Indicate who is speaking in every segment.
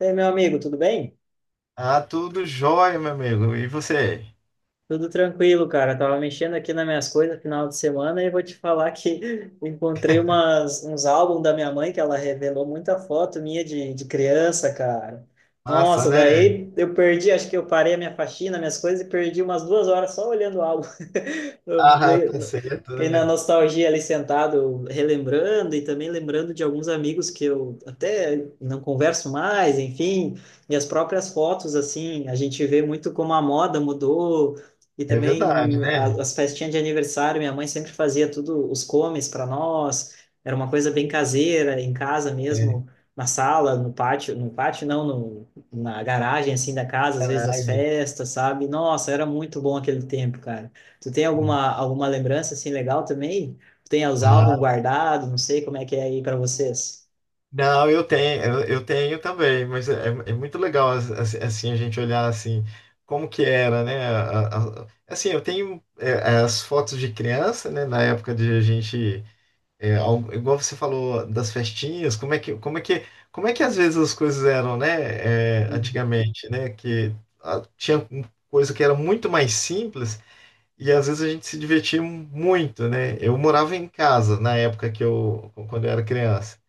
Speaker 1: E aí, meu amigo, tudo bem?
Speaker 2: Ah, tudo jóia, meu amigo. E você?
Speaker 1: Tudo tranquilo, cara. Tava mexendo aqui nas minhas coisas final de semana e vou te falar que encontrei uns álbuns da minha mãe que ela revelou muita foto minha de criança, cara.
Speaker 2: Massa,
Speaker 1: Nossa,
Speaker 2: né?
Speaker 1: daí eu perdi, acho que eu parei a minha faxina, minhas coisas e perdi umas duas horas só olhando o álbum. Eu
Speaker 2: Ah,
Speaker 1: dei-
Speaker 2: tá certo,
Speaker 1: Fiquei na
Speaker 2: né?
Speaker 1: nostalgia ali sentado, relembrando e também lembrando de alguns amigos que eu até não converso mais, enfim, e as próprias fotos, assim, a gente vê muito como a moda mudou e
Speaker 2: É verdade,
Speaker 1: também
Speaker 2: né?
Speaker 1: as festinhas de aniversário, minha mãe sempre fazia tudo, os comes para nós. Era uma coisa bem caseira, em casa
Speaker 2: É,
Speaker 1: mesmo, na sala, no pátio, no pátio não, no, na garagem assim da casa, às vezes as
Speaker 2: caralho.
Speaker 1: festas, sabe? Nossa, era muito bom aquele tempo, cara. Tu tem alguma lembrança assim legal também? Tem os álbuns
Speaker 2: Ah,
Speaker 1: guardados, não sei como é que é aí para vocês.
Speaker 2: não, eu tenho, eu tenho também, mas é muito legal assim a gente olhar assim como que era, né? Assim, eu tenho as fotos de criança, né? Na época de a gente. Igual você falou das festinhas, como é que, como é que, como é que às vezes as coisas eram, né?
Speaker 1: Uhum,
Speaker 2: Antigamente, né? Que ah, tinha um- coisa que era muito mais simples e às vezes a gente se divertia muito, né? Eu morava em casa na época quando eu era criança.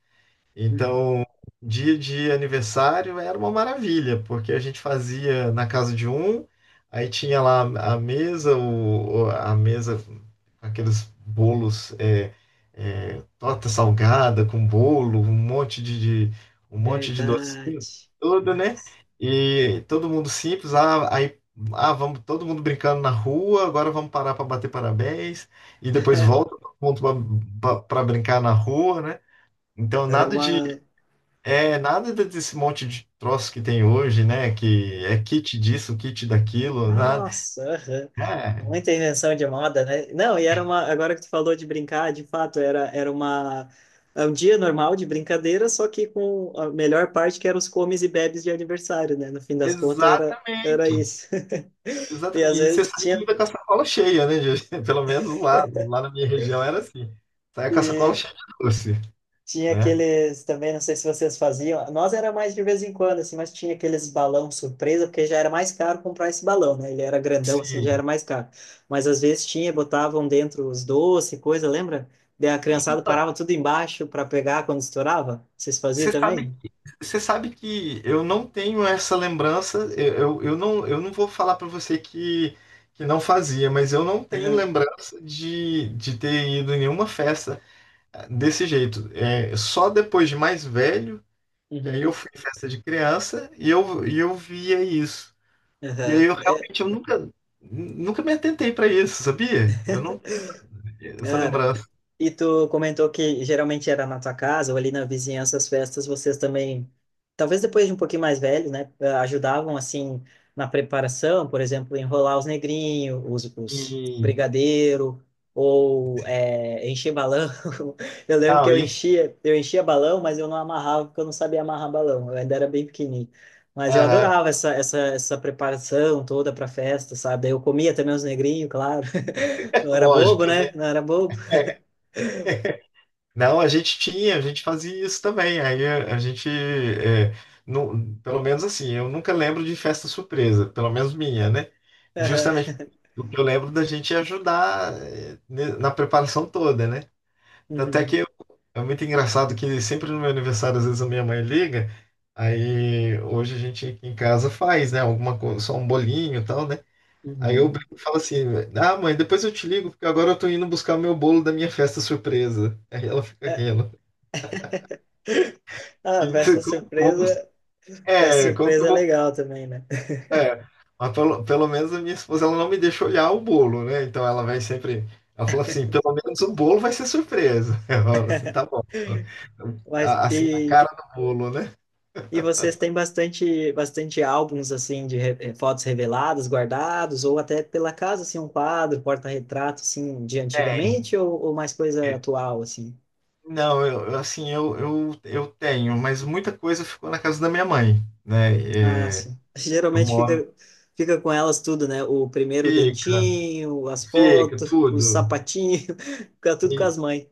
Speaker 1: uhum.
Speaker 2: Então, dia de aniversário era uma maravilha, porque a gente fazia na casa de um, aí tinha lá a mesa, a mesa, com aqueles bolos, torta salgada com bolo, um monte de
Speaker 1: Verdade.
Speaker 2: docinho, tudo,
Speaker 1: Ah,
Speaker 2: né? E todo mundo simples, aí vamos todo mundo brincando na rua, agora vamos parar para bater parabéns, e depois volta todo mundo para brincar na rua, né? Então,
Speaker 1: era
Speaker 2: nada de
Speaker 1: uma.
Speaker 2: é, nada de- desse monte de troço que tem hoje, né? Que é kit disso, kit daquilo, nada.
Speaker 1: Nossa, aham.
Speaker 2: É,
Speaker 1: Muita invenção de moda, né? Não, e era uma. Agora que tu falou de brincar, de fato, era, era uma. É um dia normal de brincadeira, só que com a melhor parte que eram os comes e bebes de aniversário, né? No fim das contas, era, era
Speaker 2: exatamente.
Speaker 1: isso. E
Speaker 2: Exatamente.
Speaker 1: às
Speaker 2: E você
Speaker 1: vezes
Speaker 2: sai
Speaker 1: tinha.
Speaker 2: ainda com a sacola cheia, né? Pelo menos lá na minha região era assim. Sai com a sacola cheia de doce,
Speaker 1: Tinha
Speaker 2: né?
Speaker 1: aqueles também, não sei se vocês faziam. Nós era mais de vez em quando, assim, mas tinha aqueles balão surpresa, porque já era mais caro comprar esse balão, né? Ele era grandão, assim, já
Speaker 2: Sim.
Speaker 1: era mais caro. Mas às vezes tinha, botavam dentro os doces, coisa, lembra? Daí a criançada
Speaker 2: Então,
Speaker 1: parava tudo embaixo para pegar quando estourava. Vocês faziam
Speaker 2: você sabe,
Speaker 1: também?
Speaker 2: você sabe que eu não tenho essa lembrança. Eu não vou falar para você que não fazia, mas eu não tenho
Speaker 1: Aham.
Speaker 2: lembrança de ter ido em nenhuma festa desse jeito, só depois de mais velho, que aí eu
Speaker 1: Uhum.
Speaker 2: fui em festa de criança e eu via isso. E aí
Speaker 1: Aham.
Speaker 2: eu
Speaker 1: É,
Speaker 2: realmente, eu nunca me atentei para isso, sabia? Eu não tenho essa
Speaker 1: cara.
Speaker 2: lembrança.
Speaker 1: E tu comentou que geralmente era na tua casa ou ali na vizinhança as festas, vocês também, talvez depois de um pouquinho mais velhos, né, ajudavam assim na preparação, por exemplo, enrolar os negrinhos, os
Speaker 2: E,
Speaker 1: brigadeiro ou encher balão. Eu lembro que
Speaker 2: não, e,
Speaker 1: eu enchia balão, mas eu não amarrava porque eu não sabia amarrar balão. Eu ainda era bem pequenininho. Mas eu
Speaker 2: aham,
Speaker 1: adorava essa preparação toda para festa, sabe? Daí eu comia também os negrinhos, claro.
Speaker 2: é
Speaker 1: Não era bobo,
Speaker 2: lógico, né?
Speaker 1: né? Não era bobo.
Speaker 2: Não, a gente fazia isso também. Aí não, pelo menos assim, eu nunca lembro de festa surpresa, pelo menos minha, né? Justamente o que eu lembro da gente ajudar, na preparação toda, né? Até que
Speaker 1: Uhum,
Speaker 2: eu- é muito engraçado que sempre no meu aniversário, às vezes a minha mãe liga, aí hoje a gente aqui em casa faz, né? Alguma coisa, só um bolinho e tal, né? Aí eu
Speaker 1: uhum.
Speaker 2: brinco e falo assim: Ah, mãe, depois eu te ligo, porque agora eu tô indo buscar o meu bolo da minha festa surpresa. Aí ela fica
Speaker 1: É.
Speaker 2: rindo. E
Speaker 1: Ah,
Speaker 2: você, como que eu vou bus-.
Speaker 1: festa
Speaker 2: É, como que eu
Speaker 1: surpresa é
Speaker 2: vou.
Speaker 1: legal também, né?
Speaker 2: É, mas pelo menos a minha esposa ela não me deixa olhar o bolo, né? Então ela vai sempre. Ela fala assim: pelo menos o bolo vai ser surpresa. Eu falo assim: tá bom. Então,
Speaker 1: Mas
Speaker 2: assim, a cara do bolo, né?
Speaker 1: e vocês têm bastante álbuns assim de fotos reveladas, guardados, ou até pela casa assim um quadro, porta-retrato assim de
Speaker 2: Tem.
Speaker 1: antigamente ou mais coisa atual assim?
Speaker 2: Não, assim, eu tenho, mas muita coisa ficou na casa da minha mãe,
Speaker 1: Ah,
Speaker 2: né?
Speaker 1: sim.
Speaker 2: Eu
Speaker 1: Geralmente
Speaker 2: moro,
Speaker 1: fica, fica com elas tudo, né? O primeiro
Speaker 2: fica,
Speaker 1: dentinho, as
Speaker 2: fica,
Speaker 1: fotos, o
Speaker 2: tudo,
Speaker 1: sapatinho, fica tudo com
Speaker 2: e
Speaker 1: as mães.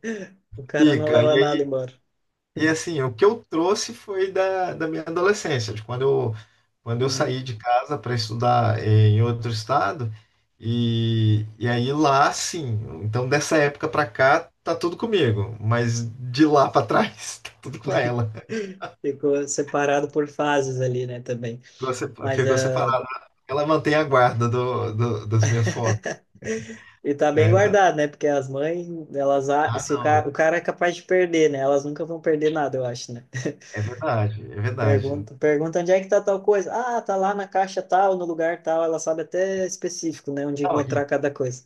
Speaker 1: O cara não
Speaker 2: fica.
Speaker 1: leva
Speaker 2: E
Speaker 1: nada
Speaker 2: aí,
Speaker 1: embora.
Speaker 2: e assim, o que eu trouxe foi da minha adolescência, de quando eu saí de casa para estudar, em outro estado, e aí lá, sim. Então, dessa época para cá, tá tudo comigo, mas de lá para trás, tá tudo com ela.
Speaker 1: Ficou separado por fases ali, né, também.
Speaker 2: Ficou sepa-
Speaker 1: Mas
Speaker 2: ficou separado. Ela mantém a guarda das minhas fotos.
Speaker 1: e tá bem
Speaker 2: É,
Speaker 1: guardado, né? Porque as mães, elas se o cara,
Speaker 2: não.
Speaker 1: o cara é capaz de perder, né? Elas nunca vão perder nada, eu acho, né?
Speaker 2: É verdade, é verdade.
Speaker 1: Pergunta, pergunta onde é que tá tal coisa. Ah, tá lá na caixa tal, no lugar tal. Ela sabe até específico, né, onde
Speaker 2: Não, e,
Speaker 1: encontrar cada coisa.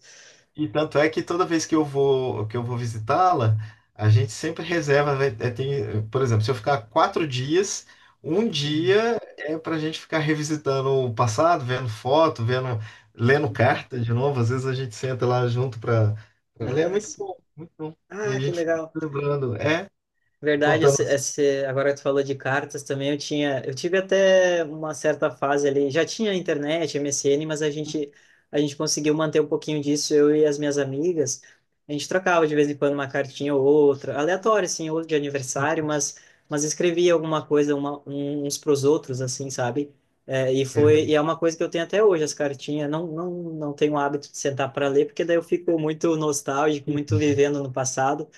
Speaker 2: e tanto é que toda vez que eu vou visitá-la, a gente sempre reserva. Tem, por exemplo, se eu ficar 4 dias, um
Speaker 1: Uhum.
Speaker 2: dia é para a gente ficar revisitando o passado, vendo foto, lendo carta de novo. Às vezes a gente senta lá junto para ler. É
Speaker 1: Ah,
Speaker 2: muito
Speaker 1: sim.
Speaker 2: bom, muito bom. E a
Speaker 1: Ah, que
Speaker 2: gente fica
Speaker 1: legal.
Speaker 2: lembrando,
Speaker 1: Verdade,
Speaker 2: contando
Speaker 1: agora que tu falou de cartas também, eu tinha, eu tive até uma certa fase ali, já tinha internet, MSN, mas a gente conseguiu manter um pouquinho disso, eu e as minhas amigas, a gente trocava de vez em quando uma cartinha ou outra, aleatória, assim, ou de aniversário,
Speaker 2: assim.
Speaker 1: mas escrevia alguma coisa uns pros outros, assim, sabe? É, e
Speaker 2: É
Speaker 1: foi,
Speaker 2: verdade.
Speaker 1: e é uma coisa que eu tenho até hoje, as cartinhas, não tenho o hábito de sentar para ler, porque daí eu fico muito nostálgico, muito vivendo no passado,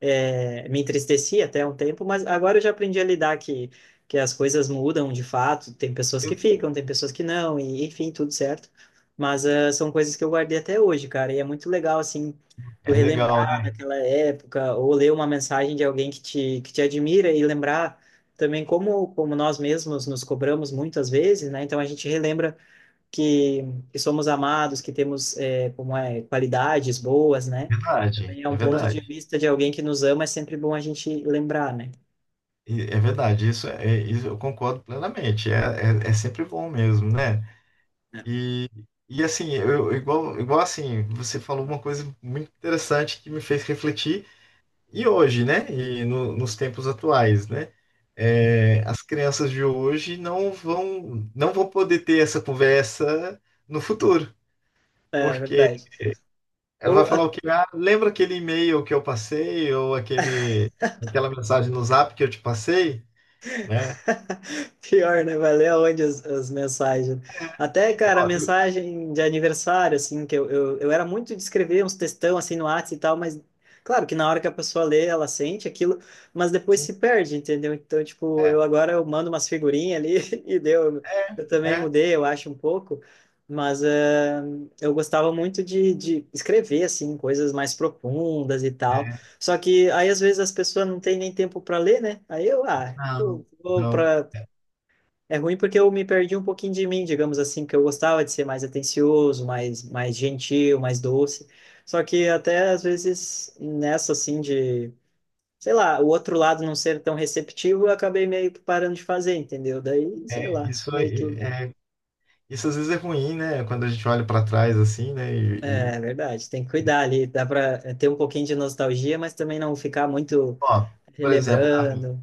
Speaker 1: é, me entristecia até um tempo, mas agora eu já aprendi a lidar que as coisas mudam de fato, tem pessoas que ficam, tem pessoas que não, e enfim, tudo certo. Mas ah, são coisas que eu guardei até hoje, cara, e é muito legal, assim, tu
Speaker 2: É legal,
Speaker 1: relembrar
Speaker 2: né?
Speaker 1: daquela época, ou ler uma mensagem de alguém que te admira e lembrar também como, como nós mesmos nos cobramos muitas vezes, né? Então a gente relembra que, que somos amados, que temos é, como é, qualidades boas, né?
Speaker 2: É verdade,
Speaker 1: Também é
Speaker 2: é
Speaker 1: um ponto de
Speaker 2: verdade.
Speaker 1: vista de alguém que nos ama, é sempre bom a gente lembrar, né?
Speaker 2: É verdade, isso eu concordo plenamente. É sempre bom mesmo, né?
Speaker 1: É
Speaker 2: E, e assim, igual assim, você falou uma coisa muito interessante que me fez refletir, e hoje, né? E nos tempos atuais, né? As crianças de hoje não vão poder ter essa conversa no futuro,
Speaker 1: é
Speaker 2: porque
Speaker 1: verdade.
Speaker 2: ela vai
Speaker 1: Ou
Speaker 2: falar o quê? Ah, lembra aquele e-mail que eu passei ou aquela mensagem no Zap que eu te passei, né?
Speaker 1: pior, né? Vai ler aonde as, as mensagens. Até, cara, a
Speaker 2: Ó, eu-
Speaker 1: mensagem de aniversário, assim, eu era muito de escrever uns textão, assim, no WhatsApp e tal, mas claro que na hora que a pessoa lê, ela sente aquilo, mas depois
Speaker 2: sim,
Speaker 1: se perde, entendeu? Então, tipo,
Speaker 2: é,
Speaker 1: eu mando umas figurinhas ali e deu.
Speaker 2: é,
Speaker 1: Eu também
Speaker 2: é,
Speaker 1: mudei, eu acho, um pouco, mas eu gostava muito de escrever, assim, coisas mais profundas e tal.
Speaker 2: é,
Speaker 1: Só que aí às vezes as pessoas não têm nem tempo para ler, né? Aí eu, ah,
Speaker 2: não,
Speaker 1: eu vou
Speaker 2: não.
Speaker 1: para é ruim porque eu me perdi um pouquinho de mim, digamos assim, porque eu gostava de ser mais atencioso, mais gentil, mais doce. Só que até às vezes nessa assim de, sei lá, o outro lado não ser tão receptivo, eu acabei meio que parando de fazer, entendeu? Daí,
Speaker 2: É,
Speaker 1: sei
Speaker 2: é,
Speaker 1: lá,
Speaker 2: isso,
Speaker 1: meio que.
Speaker 2: aí, isso às vezes é ruim, né? Quando a gente olha para trás assim, né?
Speaker 1: É
Speaker 2: E,
Speaker 1: é verdade, tem que cuidar ali. Dá para ter um pouquinho de nostalgia, mas também não ficar muito
Speaker 2: ó, por exemplo, a
Speaker 1: relembrando.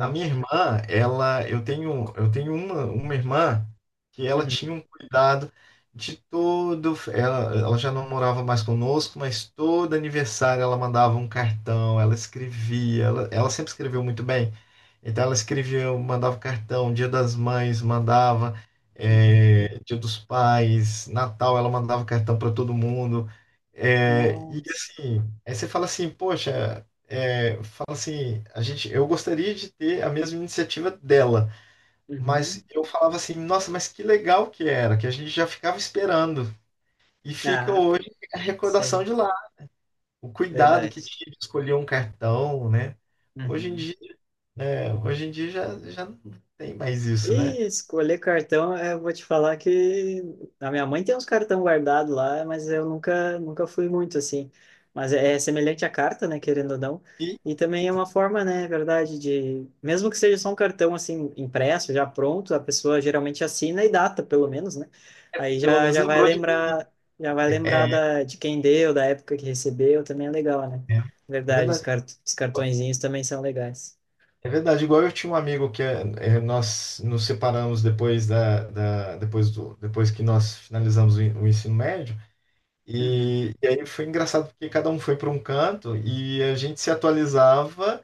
Speaker 2: A minha irmã, eu tenho uma irmã que ela
Speaker 1: Uhum.
Speaker 2: tinha um cuidado de todo. Ela já não morava mais conosco, mas todo aniversário ela mandava um cartão, ela escrevia, ela sempre escreveu muito bem. Então ela escrevia, mandava cartão, Dia das Mães, mandava,
Speaker 1: Uhum.
Speaker 2: Dia dos Pais, Natal, ela mandava cartão para todo mundo. É, e
Speaker 1: Nossa.
Speaker 2: assim, aí você fala assim, poxa, fala assim, eu gostaria de ter a mesma iniciativa dela,
Speaker 1: Uhum.
Speaker 2: mas eu falava assim, nossa, mas que legal que era, que a gente já ficava esperando. E fica
Speaker 1: Ah,
Speaker 2: hoje a recordação
Speaker 1: sim.
Speaker 2: de lá, o cuidado que
Speaker 1: Verdade.
Speaker 2: tinha de escolher um cartão, né? Hoje em
Speaker 1: Uhum.
Speaker 2: dia hoje em dia já não tem mais isso, né?
Speaker 1: E escolher cartão, é, eu vou te falar que a minha mãe tem uns cartão guardado lá, mas eu nunca, nunca fui muito assim. Mas é, é semelhante à carta, né, querendo ou não.
Speaker 2: E
Speaker 1: E também é uma forma, né, é verdade, de mesmo que seja só um cartão assim impresso, já pronto, a pessoa geralmente assina e data, pelo menos, né? Aí
Speaker 2: pelo
Speaker 1: já,
Speaker 2: menos lembrou de mim.
Speaker 1: já vai
Speaker 2: né?
Speaker 1: lembrar
Speaker 2: É,
Speaker 1: da, de quem deu, da época que recebeu, também é legal, né?
Speaker 2: é
Speaker 1: Verdade, os,
Speaker 2: verdade.
Speaker 1: cart, os cartõezinhos também são legais.
Speaker 2: É verdade. Igual eu tinha um amigo que nós nos separamos depois da, da- depois do, depois que nós finalizamos o ensino médio. E, aí foi engraçado porque cada um foi para um canto e a gente se atualizava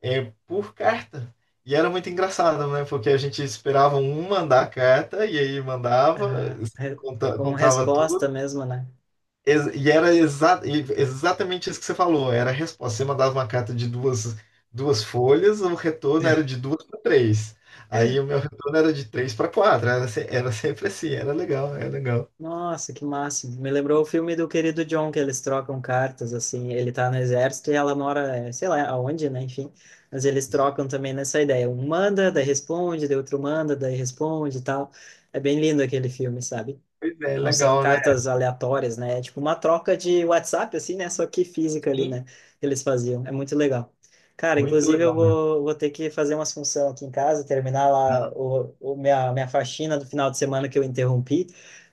Speaker 2: por carta. E era muito engraçado, né? Porque a gente esperava um mandar a carta e aí mandava,
Speaker 1: Aham. Re-
Speaker 2: conta-
Speaker 1: como
Speaker 2: contava
Speaker 1: resposta
Speaker 2: tudo.
Speaker 1: mesmo, né?
Speaker 2: E era exatamente isso que você falou. Era a resposta. Você mandava uma carta de duas folhas, o retorno era de duas para três. Aí o meu retorno era de três para quatro. Era, se- era sempre assim. Era legal, era legal.
Speaker 1: Nossa, que máximo. Me lembrou o filme do querido John, que eles trocam cartas, assim. Ele tá no exército e ela mora, sei lá, aonde, né? Enfim. Mas eles trocam também nessa ideia. Um manda, daí responde, daí outro manda, daí responde e tal. É bem lindo aquele filme, sabe?
Speaker 2: Pois é,
Speaker 1: Não são
Speaker 2: legal, né?
Speaker 1: cartas aleatórias, né? É tipo uma troca de WhatsApp, assim, né? Só que física ali,
Speaker 2: Sim.
Speaker 1: né? Que eles faziam. É muito legal. Cara,
Speaker 2: Muito
Speaker 1: inclusive
Speaker 2: legal mesmo.
Speaker 1: vou ter que fazer umas funções aqui em casa, terminar
Speaker 2: Não,
Speaker 1: lá o minha, minha faxina do final de semana que eu interrompi.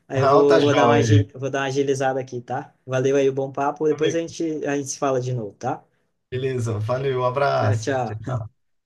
Speaker 1: Aí
Speaker 2: não, tá
Speaker 1: vou dar uma,
Speaker 2: joia.
Speaker 1: vou dar uma agilizada aqui, tá? Valeu aí o bom papo. Depois
Speaker 2: Amigo,
Speaker 1: a gente se fala de novo, tá?
Speaker 2: beleza. Valeu, um
Speaker 1: Tchau,
Speaker 2: abraço.
Speaker 1: tchau.